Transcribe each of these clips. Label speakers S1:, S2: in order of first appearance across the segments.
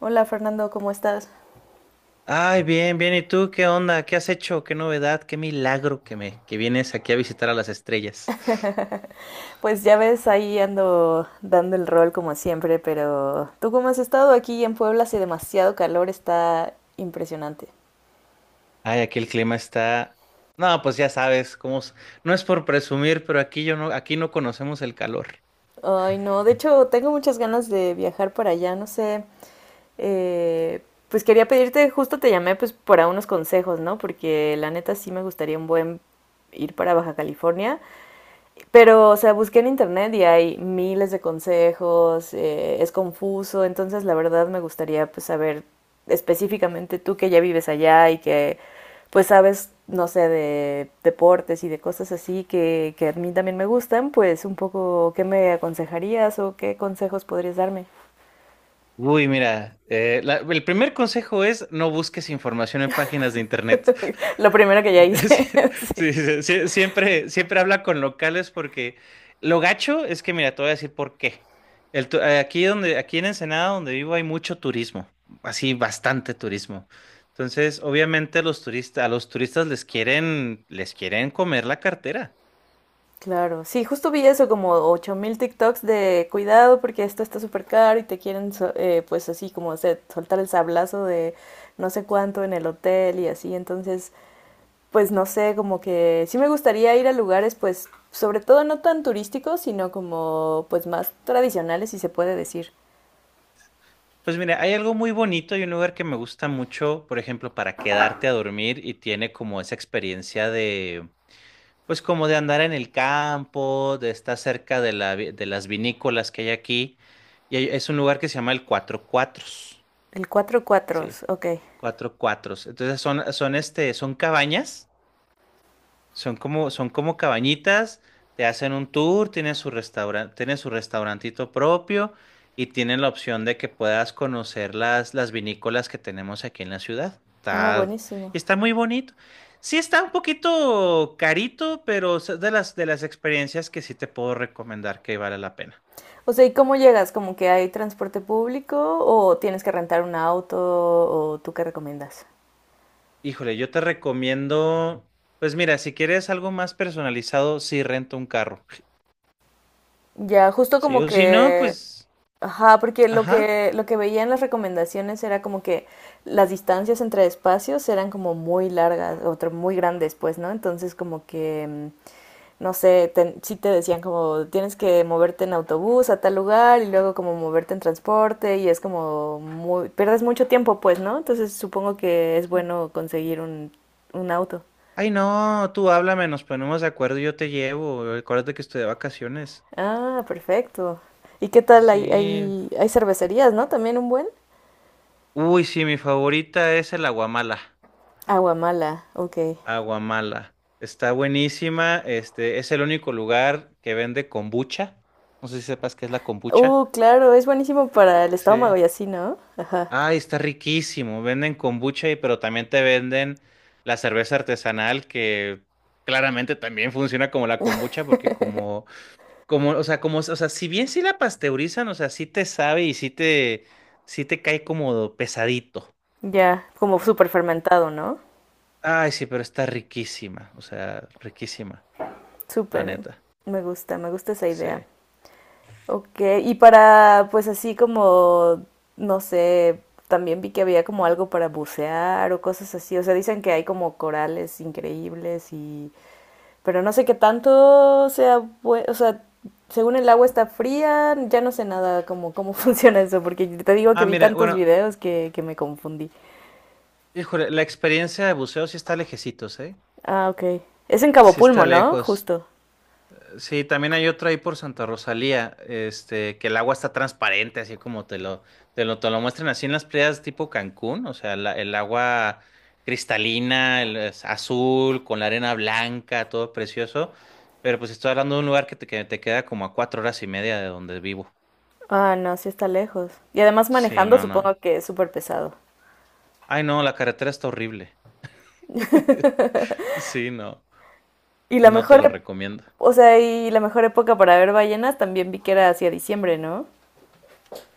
S1: Hola Fernando, ¿cómo estás?
S2: Ay, bien, bien. ¿Y tú qué onda? ¿Qué has hecho? ¿Qué novedad? ¿Qué milagro que vienes aquí a visitar a las estrellas?
S1: Pues ya ves, ahí ando dando el rol como siempre, pero ¿tú cómo has estado aquí en Puebla? Hace demasiado calor, está impresionante.
S2: Ay, aquí el clima está. No, pues ya sabes cómo. No es por presumir, pero aquí yo no, aquí no conocemos el calor.
S1: Ay, no, de hecho tengo muchas ganas de viajar para allá, no sé. Eh, pues quería pedirte, justo te llamé pues para unos consejos, ¿no? Porque la neta sí me gustaría un buen ir para Baja California. Pero, o sea, busqué en internet y hay miles de consejos, es confuso, entonces la verdad me gustaría pues saber específicamente tú que ya vives allá y que pues sabes, no sé, de deportes y de cosas así que a mí también me gustan, pues un poco qué me aconsejarías o qué consejos podrías darme.
S2: Uy, mira, el primer consejo es no busques información en páginas de internet.
S1: Lo primero que ya
S2: Sí,
S1: hice, sí.
S2: sí, siempre habla con locales porque lo gacho es que, mira, te voy a decir por qué. Aquí donde, aquí en Ensenada, donde vivo, hay mucho turismo, así bastante turismo. Entonces, obviamente, a los turistas les quieren comer la cartera.
S1: Claro, sí, justo vi eso como 8,000 TikToks de cuidado porque esto está súper caro y te quieren pues así como soltar el sablazo de no sé cuánto en el hotel y así, entonces pues no sé, como que sí me gustaría ir a lugares pues sobre todo no tan turísticos, sino como pues más tradicionales si se puede decir.
S2: Pues mira, hay algo muy bonito y un lugar que me gusta mucho, por ejemplo, para quedarte a dormir y tiene como esa experiencia. Pues como de andar en el campo, de estar cerca de de las vinícolas que hay aquí. Es un lugar que se llama el Cuatro Cuatros,
S1: El cuatro
S2: ¿sí?
S1: cuatros, ok.
S2: Cuatro Cuatros. Entonces son cabañas. Son como cabañitas, te hacen un tour, tienen su restaurante, tienen su restaurantito propio y tienen la opción de que puedas conocer las vinícolas que tenemos aquí en la ciudad.
S1: Ah,
S2: Está,
S1: buenísimo.
S2: y está muy bonito. Sí está un poquito carito, pero es de de las experiencias que sí te puedo recomendar que vale la pena.
S1: O sea, ¿y cómo llegas? ¿Como que hay transporte público o tienes que rentar un auto o tú qué recomiendas?
S2: Híjole, yo te recomiendo, pues mira, si quieres algo más personalizado, sí rento un carro.
S1: Ya, justo
S2: Sí,
S1: como
S2: o si no,
S1: que,
S2: pues,
S1: ajá, porque lo
S2: ajá.
S1: que, lo que veía en las recomendaciones era como que las distancias entre espacios eran como muy largas, otro muy grandes, pues, ¿no? Entonces como que, no sé, sí te decían como tienes que moverte en autobús a tal lugar y luego como moverte en transporte y es como muy, pierdes mucho tiempo, pues, ¿no? Entonces supongo que es bueno conseguir un auto.
S2: Ay, no, tú háblame, nos ponemos de acuerdo y yo te llevo. Acuérdate que estoy de vacaciones.
S1: Ah, perfecto. ¿Y qué tal? Hay,
S2: Sí.
S1: hay, hay cervecerías, ¿no? También un buen.
S2: Uy, sí, mi favorita es el Aguamala.
S1: Aguamala, ok.
S2: Aguamala. Está buenísima. Este es el único lugar que vende kombucha. No sé si sepas qué es la kombucha.
S1: Claro, es buenísimo para el estómago
S2: Sí.
S1: y así, ¿no? Ajá.
S2: Ay, está riquísimo. Venden kombucha y pero también te venden la cerveza artesanal que claramente también funciona como la kombucha porque como. Como, o sea, si bien sí la pasteurizan, o sea, sí te sabe sí te cae como pesadito.
S1: Ya, como súper fermentado, ¿no?
S2: Ay, sí, pero está riquísima, o sea, riquísima, la
S1: Súper, eh.
S2: neta.
S1: Me gusta esa idea.
S2: Sí.
S1: Ok, y para, pues así como, no sé, también vi que había como algo para bucear o cosas así. O sea, dicen que hay como corales increíbles y pero no sé qué tanto sea, o sea, según el agua está fría, ya no sé nada cómo, cómo funciona eso, porque te digo que
S2: Ah,
S1: vi
S2: mira,
S1: tantos
S2: bueno,
S1: videos que me confundí.
S2: híjole, la experiencia de buceo sí está lejecitos, ¿eh?
S1: Ah, ok. Es en Cabo
S2: Sí está
S1: Pulmo, ¿no?
S2: lejos.
S1: Justo.
S2: Sí, también hay otra ahí por Santa Rosalía, este, que el agua está transparente, así como te lo muestran así en las playas tipo Cancún, o sea, el agua cristalina, el, es azul, con la arena blanca, todo precioso, pero pues estoy hablando de un lugar que te queda como a 4 horas y media de donde vivo.
S1: Ah, no, sí está lejos. Y además
S2: Sí,
S1: manejando
S2: no,
S1: supongo
S2: no.
S1: que es súper pesado.
S2: Ay, no, la carretera está horrible. Sí, no,
S1: Y la
S2: no te
S1: mejor,
S2: lo
S1: ep-
S2: recomiendo.
S1: o sea, y la mejor época para ver ballenas también vi que era hacia diciembre, ¿no?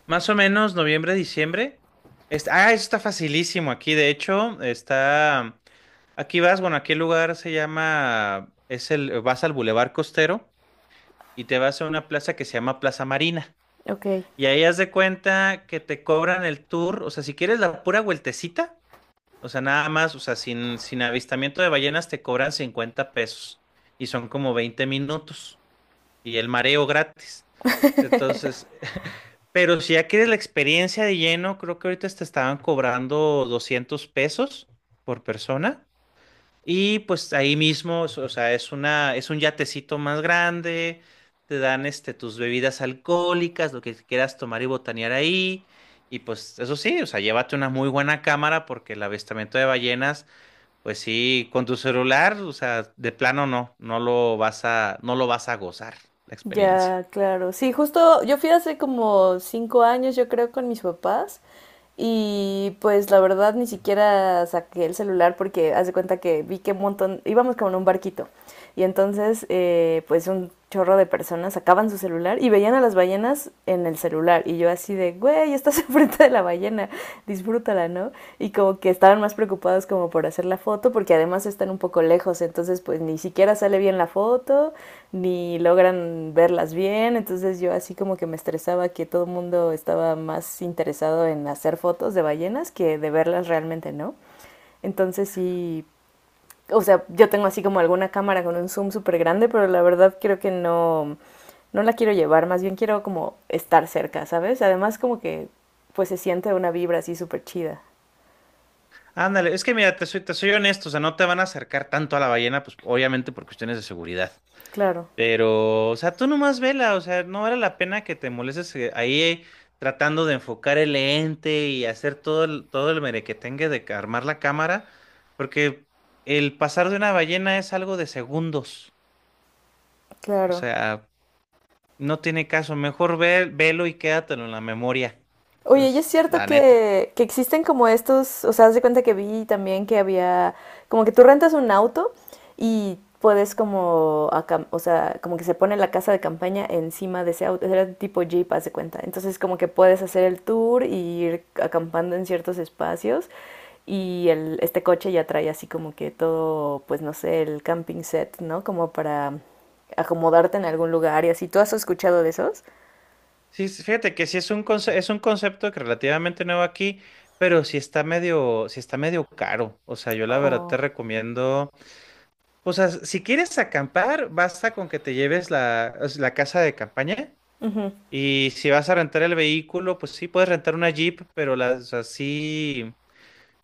S2: Más o menos noviembre, diciembre. Eso está facilísimo aquí, de hecho, está. Aquí vas, bueno, aquí el lugar se llama, vas al Boulevard Costero y te vas a una plaza que se llama Plaza Marina.
S1: Ok.
S2: Y ahí haz de cuenta que te cobran el tour, o sea, si quieres la pura vueltecita, o sea, nada más, o sea, sin avistamiento de ballenas te cobran $50 y son como 20 minutos y el mareo gratis. Entonces, pero si ya quieres la experiencia de lleno, creo que ahorita te estaban cobrando $200 por persona. Y pues ahí mismo, so, o sea, es un yatecito más grande, te dan este, tus bebidas alcohólicas, lo que quieras tomar y botanear ahí. Y pues eso sí, o sea, llévate una muy buena cámara porque el avistamiento de ballenas, pues sí, con tu celular, o sea, de plano no, no lo vas a gozar la experiencia.
S1: Ya, claro. Sí, justo yo fui hace como 5 años, yo creo, con mis papás. Y pues la verdad ni siquiera saqué el celular porque haz de cuenta que vi que un montón, íbamos como en un barquito. Y entonces pues un chorro de personas sacaban su celular y veían a las ballenas en el celular. Y yo así de, güey, estás enfrente de la ballena, disfrútala, ¿no? Y como que estaban más preocupados como por hacer la foto porque además están un poco lejos, entonces pues ni siquiera sale bien la foto, ni logran verlas bien, entonces yo así como que me estresaba que todo el mundo estaba más interesado en hacer fotos de ballenas que de verlas realmente, ¿no? Entonces sí, o sea, yo tengo así como alguna cámara con un zoom súper grande, pero la verdad creo que no, no la quiero llevar, más bien quiero como estar cerca, ¿sabes? Además como que pues se siente una vibra así súper chida.
S2: Ándale, es que mira, te soy honesto, o sea, no te van a acercar tanto a la ballena, pues obviamente por cuestiones de seguridad.
S1: Claro.
S2: Pero, o sea, tú nomás vela, o sea, no vale la pena que te molestes ahí tratando de enfocar el lente y hacer todo el merequetengue de armar la cámara, porque el pasar de una ballena es algo de segundos, o
S1: Claro.
S2: sea, no tiene caso, mejor ve, velo y quédatelo en la memoria, o sea,
S1: Oye, y es
S2: es
S1: cierto
S2: la neta.
S1: que existen como estos, o sea, haz de cuenta que vi también que había, como que tú rentas un auto y puedes como, o sea, como que se pone la casa de campaña encima de ese auto, era tipo Jeep, haz de cuenta. Entonces como que puedes hacer el tour y ir acampando en ciertos espacios y el, este coche ya trae así como que todo, pues no sé, el camping set, ¿no? Como para acomodarte en algún lugar y así. ¿Tú has escuchado de esos?
S2: Sí, sí, fíjate que sí es un es un concepto que relativamente nuevo aquí, pero sí está medio caro, o sea, yo la verdad te
S1: Oh.
S2: recomiendo. Pues si quieres acampar, basta con que te lleves la, o sea, la casa de campaña.
S1: Ujú.
S2: Y si vas a rentar el vehículo, pues sí puedes rentar una Jeep, pero las así,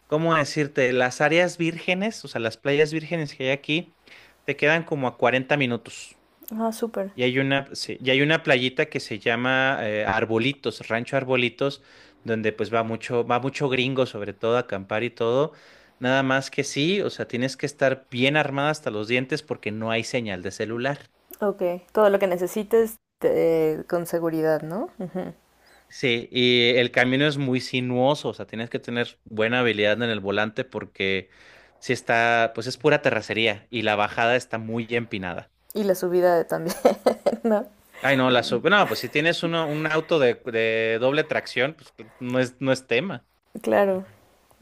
S2: ¿cómo decirte? Las áreas vírgenes, o sea, las playas vírgenes que hay aquí, te quedan como a 40 minutos.
S1: Ah, súper.
S2: Y hay una, sí, y hay una playita que se llama Arbolitos, Rancho Arbolitos, donde pues va mucho gringo, sobre todo a acampar y todo. Nada más que sí, o sea, tienes que estar bien armada hasta los dientes porque no hay señal de celular.
S1: Ok. Todo lo que necesites con seguridad, ¿no? Ujú.
S2: Sí, y el camino es muy sinuoso, o sea, tienes que tener buena habilidad en el volante porque si está, pues es pura terracería y la bajada está muy empinada.
S1: Y la subida también, ¿no?
S2: Ay, no, la sub, no, pues si tienes uno, un auto de doble tracción, pues no es, no es tema.
S1: Claro.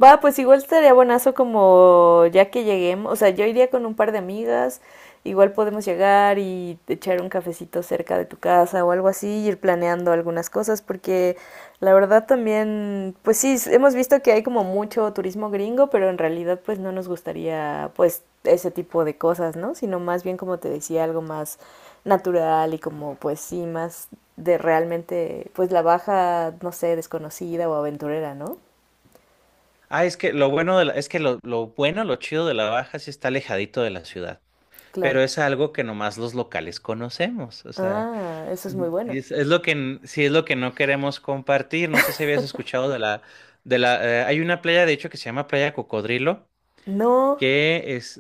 S1: Va, pues igual estaría buenazo como ya que lleguemos, o sea, yo iría con un par de amigas, igual podemos llegar y echar un cafecito cerca de tu casa o algo así, ir planeando algunas cosas, porque la verdad también, pues sí, hemos visto que hay como mucho turismo gringo, pero en realidad pues no nos gustaría pues ese tipo de cosas, ¿no? Sino más bien como te decía, algo más natural y como pues sí, más de realmente pues la baja, no sé, desconocida o aventurera, ¿no?
S2: Ah, es que lo bueno de es que lo bueno, lo chido de la Baja sí está alejadito de la ciudad,
S1: Claro.
S2: pero es algo que nomás los locales conocemos, o sea,
S1: Ah, eso es
S2: mm.
S1: muy
S2: Y
S1: bueno.
S2: es lo que sí es lo que no queremos compartir. No sé si habías escuchado de la hay una playa de hecho que se llama Playa Cocodrilo,
S1: No.
S2: que es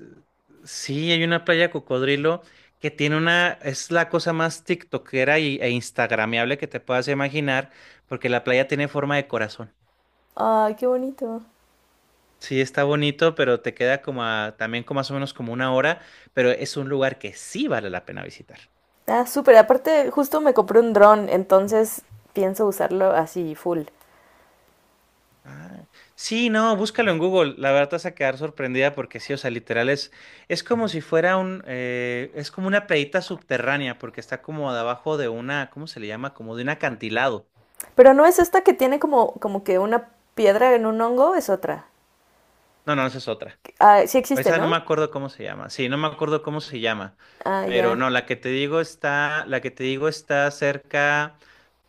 S2: sí, hay una playa Cocodrilo que tiene una es la cosa más tiktokera y, e instagrameable que te puedas imaginar, porque la playa tiene forma de corazón.
S1: Ay, qué bonito.
S2: Sí, está bonito, pero te queda como también como más o menos como 1 hora, pero es un lugar que sí vale la pena visitar.
S1: Ah, súper. Aparte, justo me compré un dron, entonces pienso usarlo así, full.
S2: Ah, sí, no, búscalo en Google. La verdad te vas a quedar sorprendida porque sí, o sea, literal es como si fuera es como una playita subterránea porque está como debajo de una, ¿cómo se le llama? Como de un acantilado.
S1: Pero no es esta que tiene como, como que una piedra en un hongo, es otra.
S2: No, no, esa es otra.
S1: Ah, sí existe,
S2: Esa no me
S1: ¿no?
S2: acuerdo cómo se llama. Sí, no me acuerdo cómo se llama.
S1: Ah,
S2: Pero no,
S1: ya.
S2: la que te digo está, la que te digo está cerca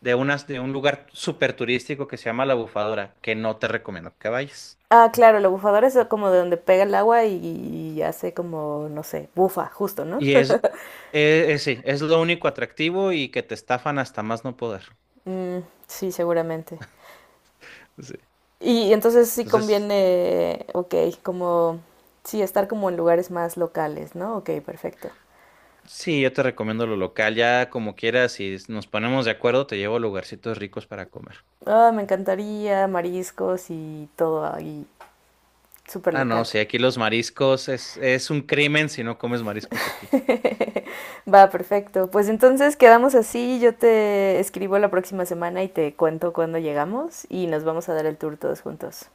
S2: de un lugar súper turístico que se llama La Bufadora, que no te recomiendo que vayas.
S1: Ah, claro, la bufadora es como de donde pega el agua y hace como, no sé, bufa, justo, ¿no?
S2: Y es, sí, es lo único atractivo y que te estafan hasta más no poder.
S1: Mm, sí, seguramente.
S2: Sí.
S1: Y entonces sí
S2: Entonces,
S1: conviene, ok, como, sí, estar como en lugares más locales, ¿no? Ok, perfecto.
S2: sí, yo te recomiendo lo local, ya como quieras, si nos ponemos de acuerdo, te llevo a lugarcitos ricos para comer.
S1: Ah, oh, me encantaría mariscos y todo ahí súper
S2: Ah, no,
S1: local.
S2: sí, aquí los mariscos es un crimen si no comes mariscos aquí.
S1: Va, perfecto. Pues entonces quedamos así, yo te escribo la próxima semana y te cuento cuándo llegamos y nos vamos a dar el tour todos juntos.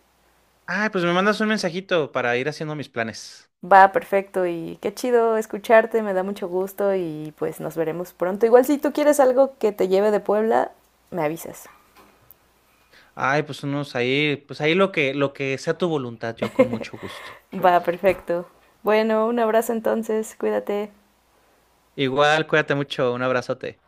S2: Ah, pues me mandas un mensajito para ir haciendo mis planes.
S1: Va, perfecto y qué chido escucharte, me da mucho gusto y pues nos veremos pronto. Igual si tú quieres algo que te lleve de Puebla, me avisas.
S2: Ay, pues unos ahí, pues ahí lo que sea tu voluntad, yo con mucho gusto.
S1: Va, perfecto. Bueno, un abrazo entonces, cuídate.
S2: Igual, cuídate mucho, un abrazote.